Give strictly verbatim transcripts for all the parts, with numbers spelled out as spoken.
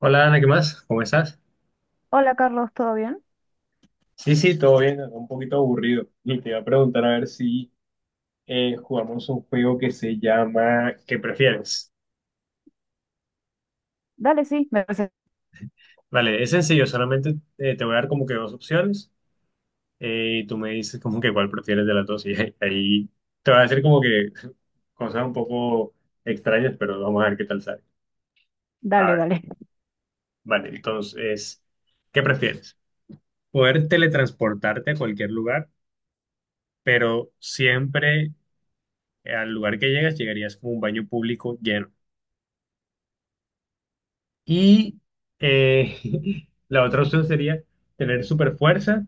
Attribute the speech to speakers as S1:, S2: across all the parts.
S1: Hola Ana, ¿qué más? ¿Cómo estás?
S2: Hola Carlos, ¿todo bien?
S1: Sí, sí, todo bien, un poquito aburrido. Y te iba a preguntar a ver si eh, jugamos un juego que se llama ¿Qué prefieres?
S2: Dale, sí, me parece.
S1: Vale, es sencillo, solamente eh, te voy a dar como que dos opciones eh, y tú me dices como que cuál prefieres de las dos y ahí ahí te voy a decir como que cosas un poco extrañas, pero vamos a ver qué tal sale. A
S2: Dale,
S1: ver,
S2: dale.
S1: vale, entonces, ¿qué prefieres? ¿Poder teletransportarte a cualquier lugar, pero siempre al lugar que llegas, llegarías como un baño público lleno? Y eh, la otra opción sería tener super fuerza,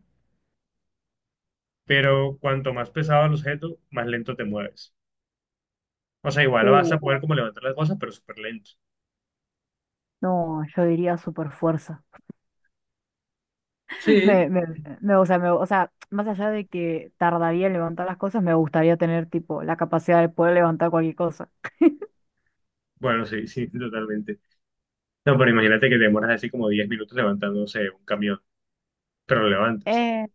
S1: pero cuanto más pesado el objeto, más lento te mueves. O sea, igual vas
S2: Uh,
S1: a poder como levantar las cosas, pero súper lento.
S2: no, yo diría super fuerza.
S1: Sí.
S2: Me, me, me- o sea, me- o sea, más allá de que tardaría en levantar las cosas, me gustaría tener tipo la capacidad de poder levantar cualquier cosa.
S1: Bueno, sí, sí, totalmente. No, pero imagínate que te demoras así como diez minutos levantando no sé un camión, pero lo levantas.
S2: Eh,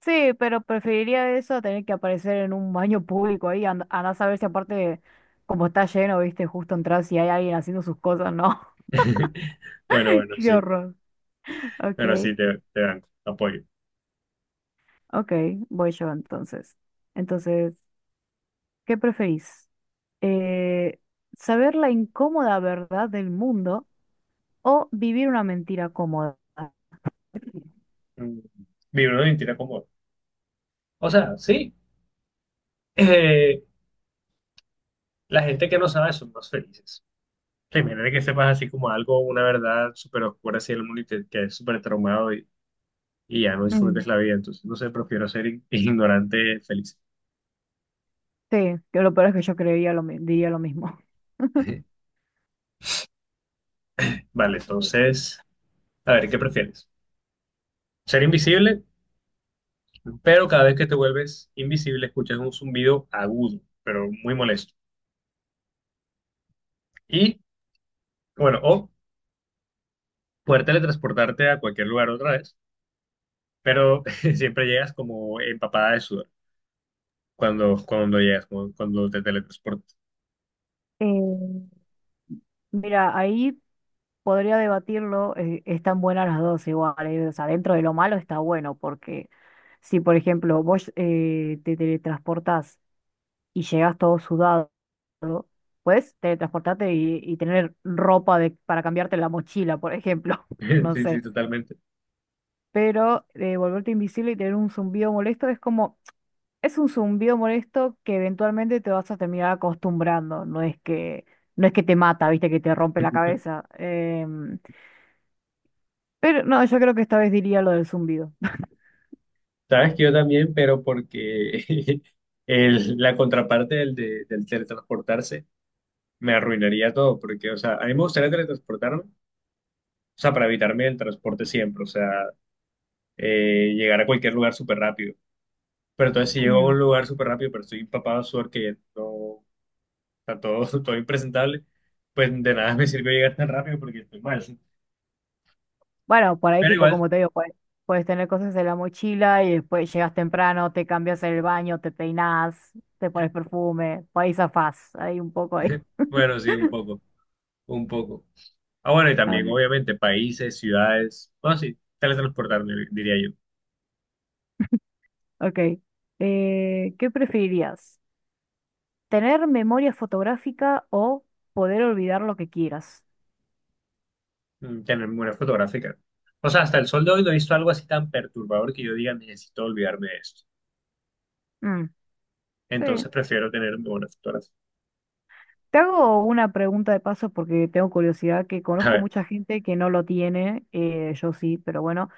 S2: sí, pero preferiría eso a tener que aparecer en un baño público ahí, and- andá a saber si aparte como está lleno, viste, justo entras y hay alguien haciendo sus cosas, ¿no?
S1: Bueno, bueno,
S2: Qué
S1: sí.
S2: horror. Ok,
S1: Bueno, sí, te, te dan apoyo.
S2: ok, voy yo entonces. Entonces, ¿qué preferís? Eh, ¿Saber la incómoda verdad del mundo o vivir una mentira cómoda?
S1: Mm. Vivir una mentira cómoda. O sea, sí. Eh, La gente que no sabe son más felices. Sí, imagínate que sepas así como algo, una verdad súper oscura así del mundo y te quedes súper traumado y, y ya no
S2: Mm,
S1: disfrutes la vida. Entonces, no sé, prefiero ser ig- ignorante feliz.
S2: sí, que lo peor es que yo creería lo, mi- diría lo mismo.
S1: Vale,
S2: Mm.
S1: entonces, a ver, ¿qué prefieres? Ser invisible, pero cada vez que te vuelves invisible escuchas un zumbido agudo, pero muy molesto. Y, bueno, o poder teletransportarte a cualquier lugar otra vez, pero siempre llegas como empapada de sudor cuando, cuando, llegas, como cuando te teletransportas.
S2: Eh, Mira, ahí podría debatirlo, eh, están buenas las dos igual, eh, o sea, dentro de lo malo está bueno, porque si por ejemplo vos eh, te teletransportás y llegas todo sudado, puedes teletransportarte y y tener ropa de, para cambiarte la mochila, por ejemplo, no
S1: Sí, sí,
S2: sé.
S1: totalmente.
S2: Pero eh, volverte invisible y tener un zumbido molesto es como, es un zumbido molesto que eventualmente te vas a terminar acostumbrando, no es que, no es que te mata, viste, que te rompe la cabeza. Em, pero no, yo creo que esta vez diría lo del zumbido.
S1: Sabes que yo también, pero porque el- la contraparte del, de- del teletransportarse me arruinaría todo, porque, o sea, a mí me gustaría teletransportarme, o sea, para evitarme el transporte siempre, o sea, eh, llegar a cualquier lugar súper rápido. Pero entonces si llego a
S2: Mm.
S1: un lugar súper rápido, pero estoy empapado de sudor que no está todo, todo impresentable, pues de nada me sirve llegar tan rápido porque estoy mal.
S2: Bueno, por ahí
S1: Pero
S2: tipo,
S1: igual,
S2: como te digo, puedes, puedes tener cosas en la mochila y después llegas temprano, te cambias en el baño, te peinas, te pones perfume, por ahí zafás, ahí un poco ahí.
S1: bueno, sí, un poco, un poco. Ah, bueno, y
S2: A
S1: también,
S2: ver,
S1: obviamente, países, ciudades. Bueno, sí, teletransportar, dir- diría yo.
S2: ok. Eh, ¿qué preferirías? Tener memoria fotográfica o poder olvidar lo que quieras.
S1: Mm. Tener memoria fotográfica. O sea, hasta el sol de hoy no he visto algo así tan perturbador que yo diga, necesito olvidarme de esto.
S2: Mm,
S1: Entonces
S2: sí.
S1: prefiero tener memoria fotográfica.
S2: Te hago una pregunta de paso porque tengo curiosidad, que
S1: A
S2: conozco
S1: ver,
S2: mucha gente que no lo tiene, eh, yo sí, pero bueno,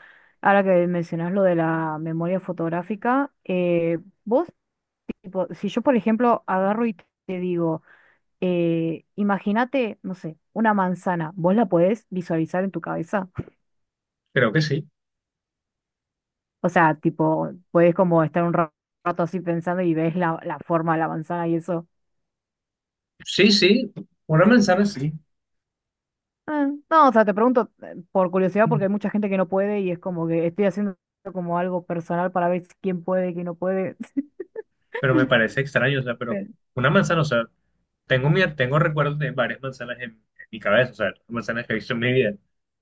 S2: ahora que mencionas lo de la memoria fotográfica, eh, vos, tipo, si yo por ejemplo agarro y te digo, eh, imagínate, no sé, una manzana, ¿vos la podés visualizar en tu cabeza?
S1: creo que sí.
S2: O sea, tipo, ¿podés como estar un ra- rato así pensando y ves la, la forma de la manzana y eso?
S1: Sí, sí, una manzana sí.
S2: Ah, no, o sea, te pregunto eh, por curiosidad porque hay mucha gente que no puede y es como que estoy haciendo como algo personal para ver si- quién puede, quién no puede.
S1: Pero me parece extraño, o sea, pero
S2: Pero-
S1: una manzana, o sea, tengo, mi, tengo recuerdos de varias manzanas en, en mi cabeza, o sea, manzanas que he visto en mi vida.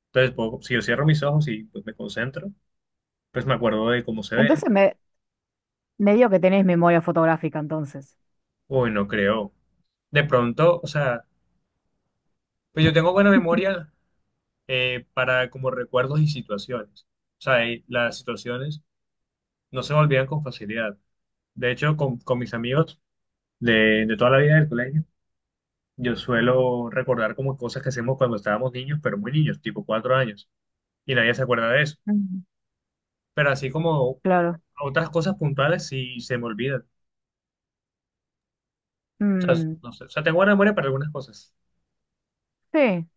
S1: Entonces, puedo- si yo cierro mis ojos y pues, me concentro, pues me acuerdo de cómo se ve.
S2: Entonces me, me digo que tenés memoria fotográfica entonces.
S1: Uy, no creo. De pronto, o sea, pues yo tengo buena memoria eh, para como recuerdos y situaciones. O sea, y las situaciones no se me olvidan con facilidad. De hecho, con, con, mis amigos de, de toda la vida del colegio, yo suelo recordar como cosas que hacemos cuando estábamos niños, pero muy niños, tipo cuatro años, y nadie se acuerda de eso.
S2: Mm.
S1: Pero así como
S2: Claro.
S1: otras cosas puntuales sí se me olvidan. O sea,
S2: Mm,
S1: no sé, o sea, tengo buena memoria para algunas cosas.
S2: sí,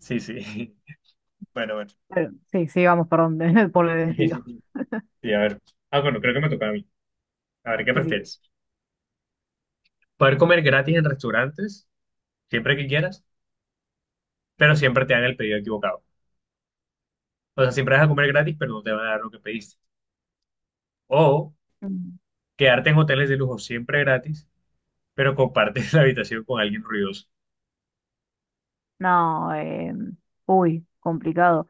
S1: Sí, sí. Bueno, bueno.
S2: pero- sí, sí, vamos, perdón, por el desvío.
S1: Sí, a ver. Ah, bueno, creo que me toca a mí. A ver, ¿qué
S2: Sí, sí.
S1: prefieres? ¿Poder comer gratis en restaurantes, siempre que quieras, pero siempre te dan el pedido equivocado? O sea, siempre vas a comer gratis, pero no te van a dar lo que pediste. O
S2: Mm.
S1: quedarte en hoteles de lujo siempre gratis, pero compartes la habitación con alguien ruidoso.
S2: No, eh, uy, complicado.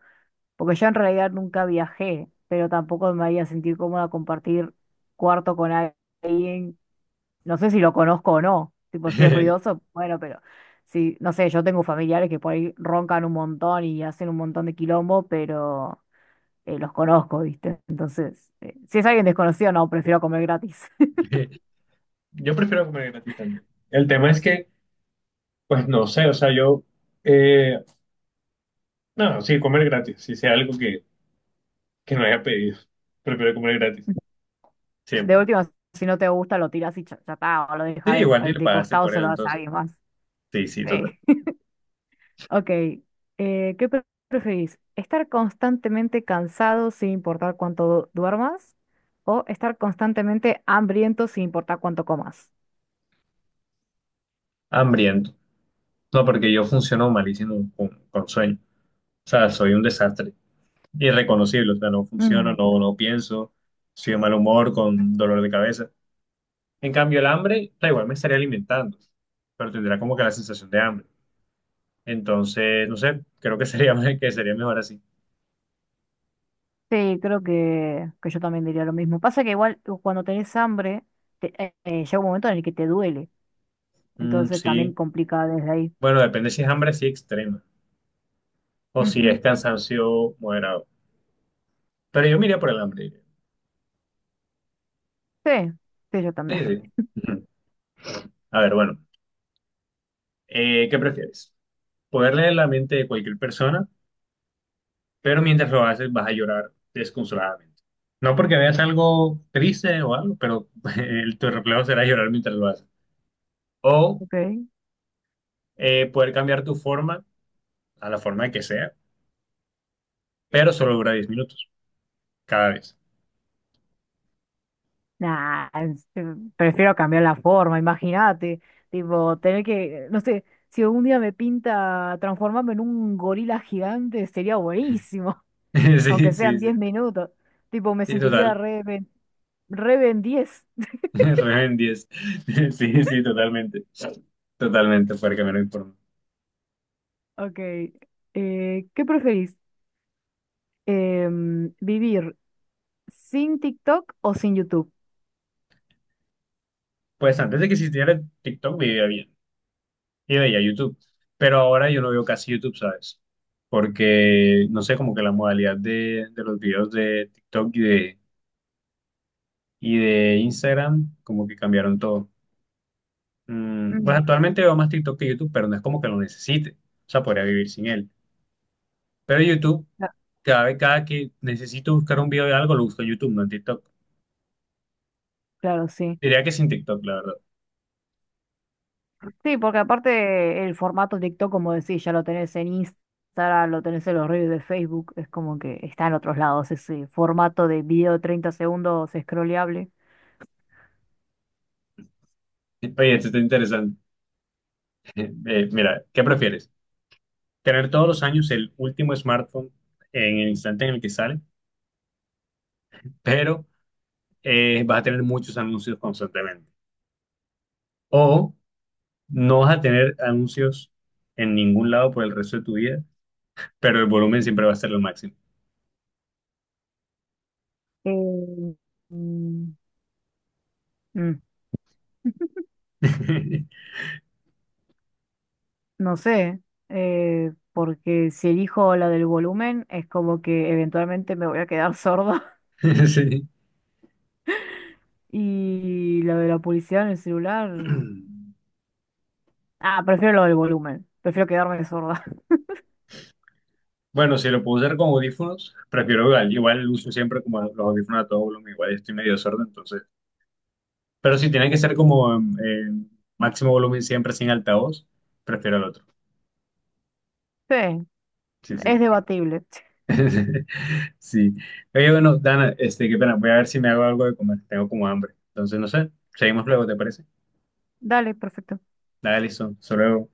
S2: Porque yo en realidad nunca viajé, pero tampoco me había sentido cómoda compartir cuarto con alguien. No sé si lo conozco o no. Tipo, si es ruidoso, bueno, pero sí, no sé, yo tengo familiares que por ahí roncan un montón y hacen un montón de quilombo, pero eh, los conozco, ¿viste? Entonces, eh, si es alguien desconocido, no, prefiero comer gratis.
S1: Yo prefiero comer gratis también. El tema es que, pues no sé, o sea, yo, eh, no, sí, comer gratis, si sea algo que, que no haya pedido, prefiero comer gratis,
S2: De
S1: siempre.
S2: última, si no te gusta, lo tiras y cha- ya está, o lo
S1: Sí,
S2: dejas de,
S1: igual ni
S2: eh,
S1: le
S2: de
S1: pagaste
S2: costado,
S1: por
S2: se
S1: él,
S2: lo das a
S1: entonces.
S2: alguien más.
S1: Sí, sí, total.
S2: Sí. Ok, eh, ¿qué pre- preferís? ¿Estar constantemente cansado sin importar cuánto du- duermas? ¿O estar constantemente hambriento sin importar cuánto comas?
S1: Hambriento. No, porque yo funciono malísimo con, con sueño. O sea, soy un desastre. Irreconocible. O sea, no funciono,
S2: Mm,
S1: no, no pienso. Soy de mal humor, con dolor de cabeza. En cambio, el hambre, da igual, me estaría alimentando. Pero tendrá como que la sensación de hambre. Entonces, no sé, creo que sería, que sería mejor así.
S2: sí, creo que, que yo también diría lo mismo. Pasa que igual u- cuando tenés hambre, te- eh, eh, llega un momento en el que te duele.
S1: Mm,
S2: Entonces también
S1: sí.
S2: complica desde ahí.
S1: Bueno, depende si es hambre así extrema. O si es
S2: Ujú.
S1: cansancio moderado. Pero yo me iría por el hambre.
S2: Sí, sí, yo
S1: Sí,
S2: también.
S1: sí. Ujú. A ver, bueno. Eh, ¿qué prefieres? ¿Poder leer la mente de cualquier persona, pero mientras lo haces vas a llorar desconsoladamente? No porque veas algo triste o algo, pero el- tu reflejo será llorar mientras lo haces. O
S2: Ok.
S1: eh, poder cambiar tu forma a la forma que sea, pero solo dura diez minutos cada vez.
S2: Nah, es- eh, prefiero cambiar la forma, imagínate. Tipo, tener que, no sé, si algún día me pinta transformarme en un gorila gigante, sería buenísimo,
S1: Sí,
S2: aunque
S1: sí,
S2: sean
S1: sí,
S2: diez minutos. Tipo, me
S1: sí,
S2: sentiría
S1: total.
S2: re, ben- re Ben diez.
S1: Re en diez. Sí, sí, totalmente. Totalmente, poder cambiar mi forma.
S2: Ok, eh, ¿qué preferís? Em, vivir sin TikTok o sin YouTube.
S1: Pues antes de que existiera TikTok, vivía bien. Y veía YouTube. Pero ahora yo no veo casi YouTube, ¿sabes? Porque, no sé, como que la modalidad de, de los videos de TikTok y de, y de Instagram, como que cambiaron todo. Mm, pues
S2: Mm.
S1: actualmente veo más TikTok que YouTube, pero no es como que lo necesite. O sea, podría vivir sin él. Pero YouTube,
S2: Cla-
S1: cada vez, cada que necesito buscar un video de algo, lo busco en YouTube, no en TikTok.
S2: Claro, sí.
S1: Diría que sin TikTok, la verdad.
S2: Sí, porque aparte el formato TikTok, como decís, ya lo tenés en Instagram, lo tenés en los reels de Facebook, es como que está en otros lados ese formato de video de treinta segundos scrolleable.
S1: Oye, esto está interesante. Eh, mira, ¿qué prefieres? ¿Tener todos los años el último smartphone en el instante en el que sale, pero eh, vas a tener muchos anuncios constantemente? O no vas a tener anuncios en ningún lado por el resto de tu vida, pero el volumen siempre va a ser lo máximo.
S2: Eh, mm, mm, no sé, eh, porque si elijo la del volumen, es como que eventualmente me voy a quedar sorda.
S1: Sí.
S2: Y la de la publicidad en el celular. Ah, prefiero lo del volumen. Prefiero quedarme sorda.
S1: Bueno, si lo puedo usar con audífonos, prefiero igual. Igual uso siempre como los audífonos a todo volumen, igual estoy medio sordo, entonces. Pero si tiene que ser como en- en máximo volumen siempre sin altavoz, prefiero el otro.
S2: Sí,
S1: Sí,
S2: es
S1: sí.
S2: debatible.
S1: Sí. Oye, bueno, Dana, este, qué pena. Voy a ver si me hago algo de comer. Tengo como hambre. Entonces, no sé. Seguimos luego, ¿te parece?
S2: Dale, perfecto.
S1: Dale, listo. Hasta luego.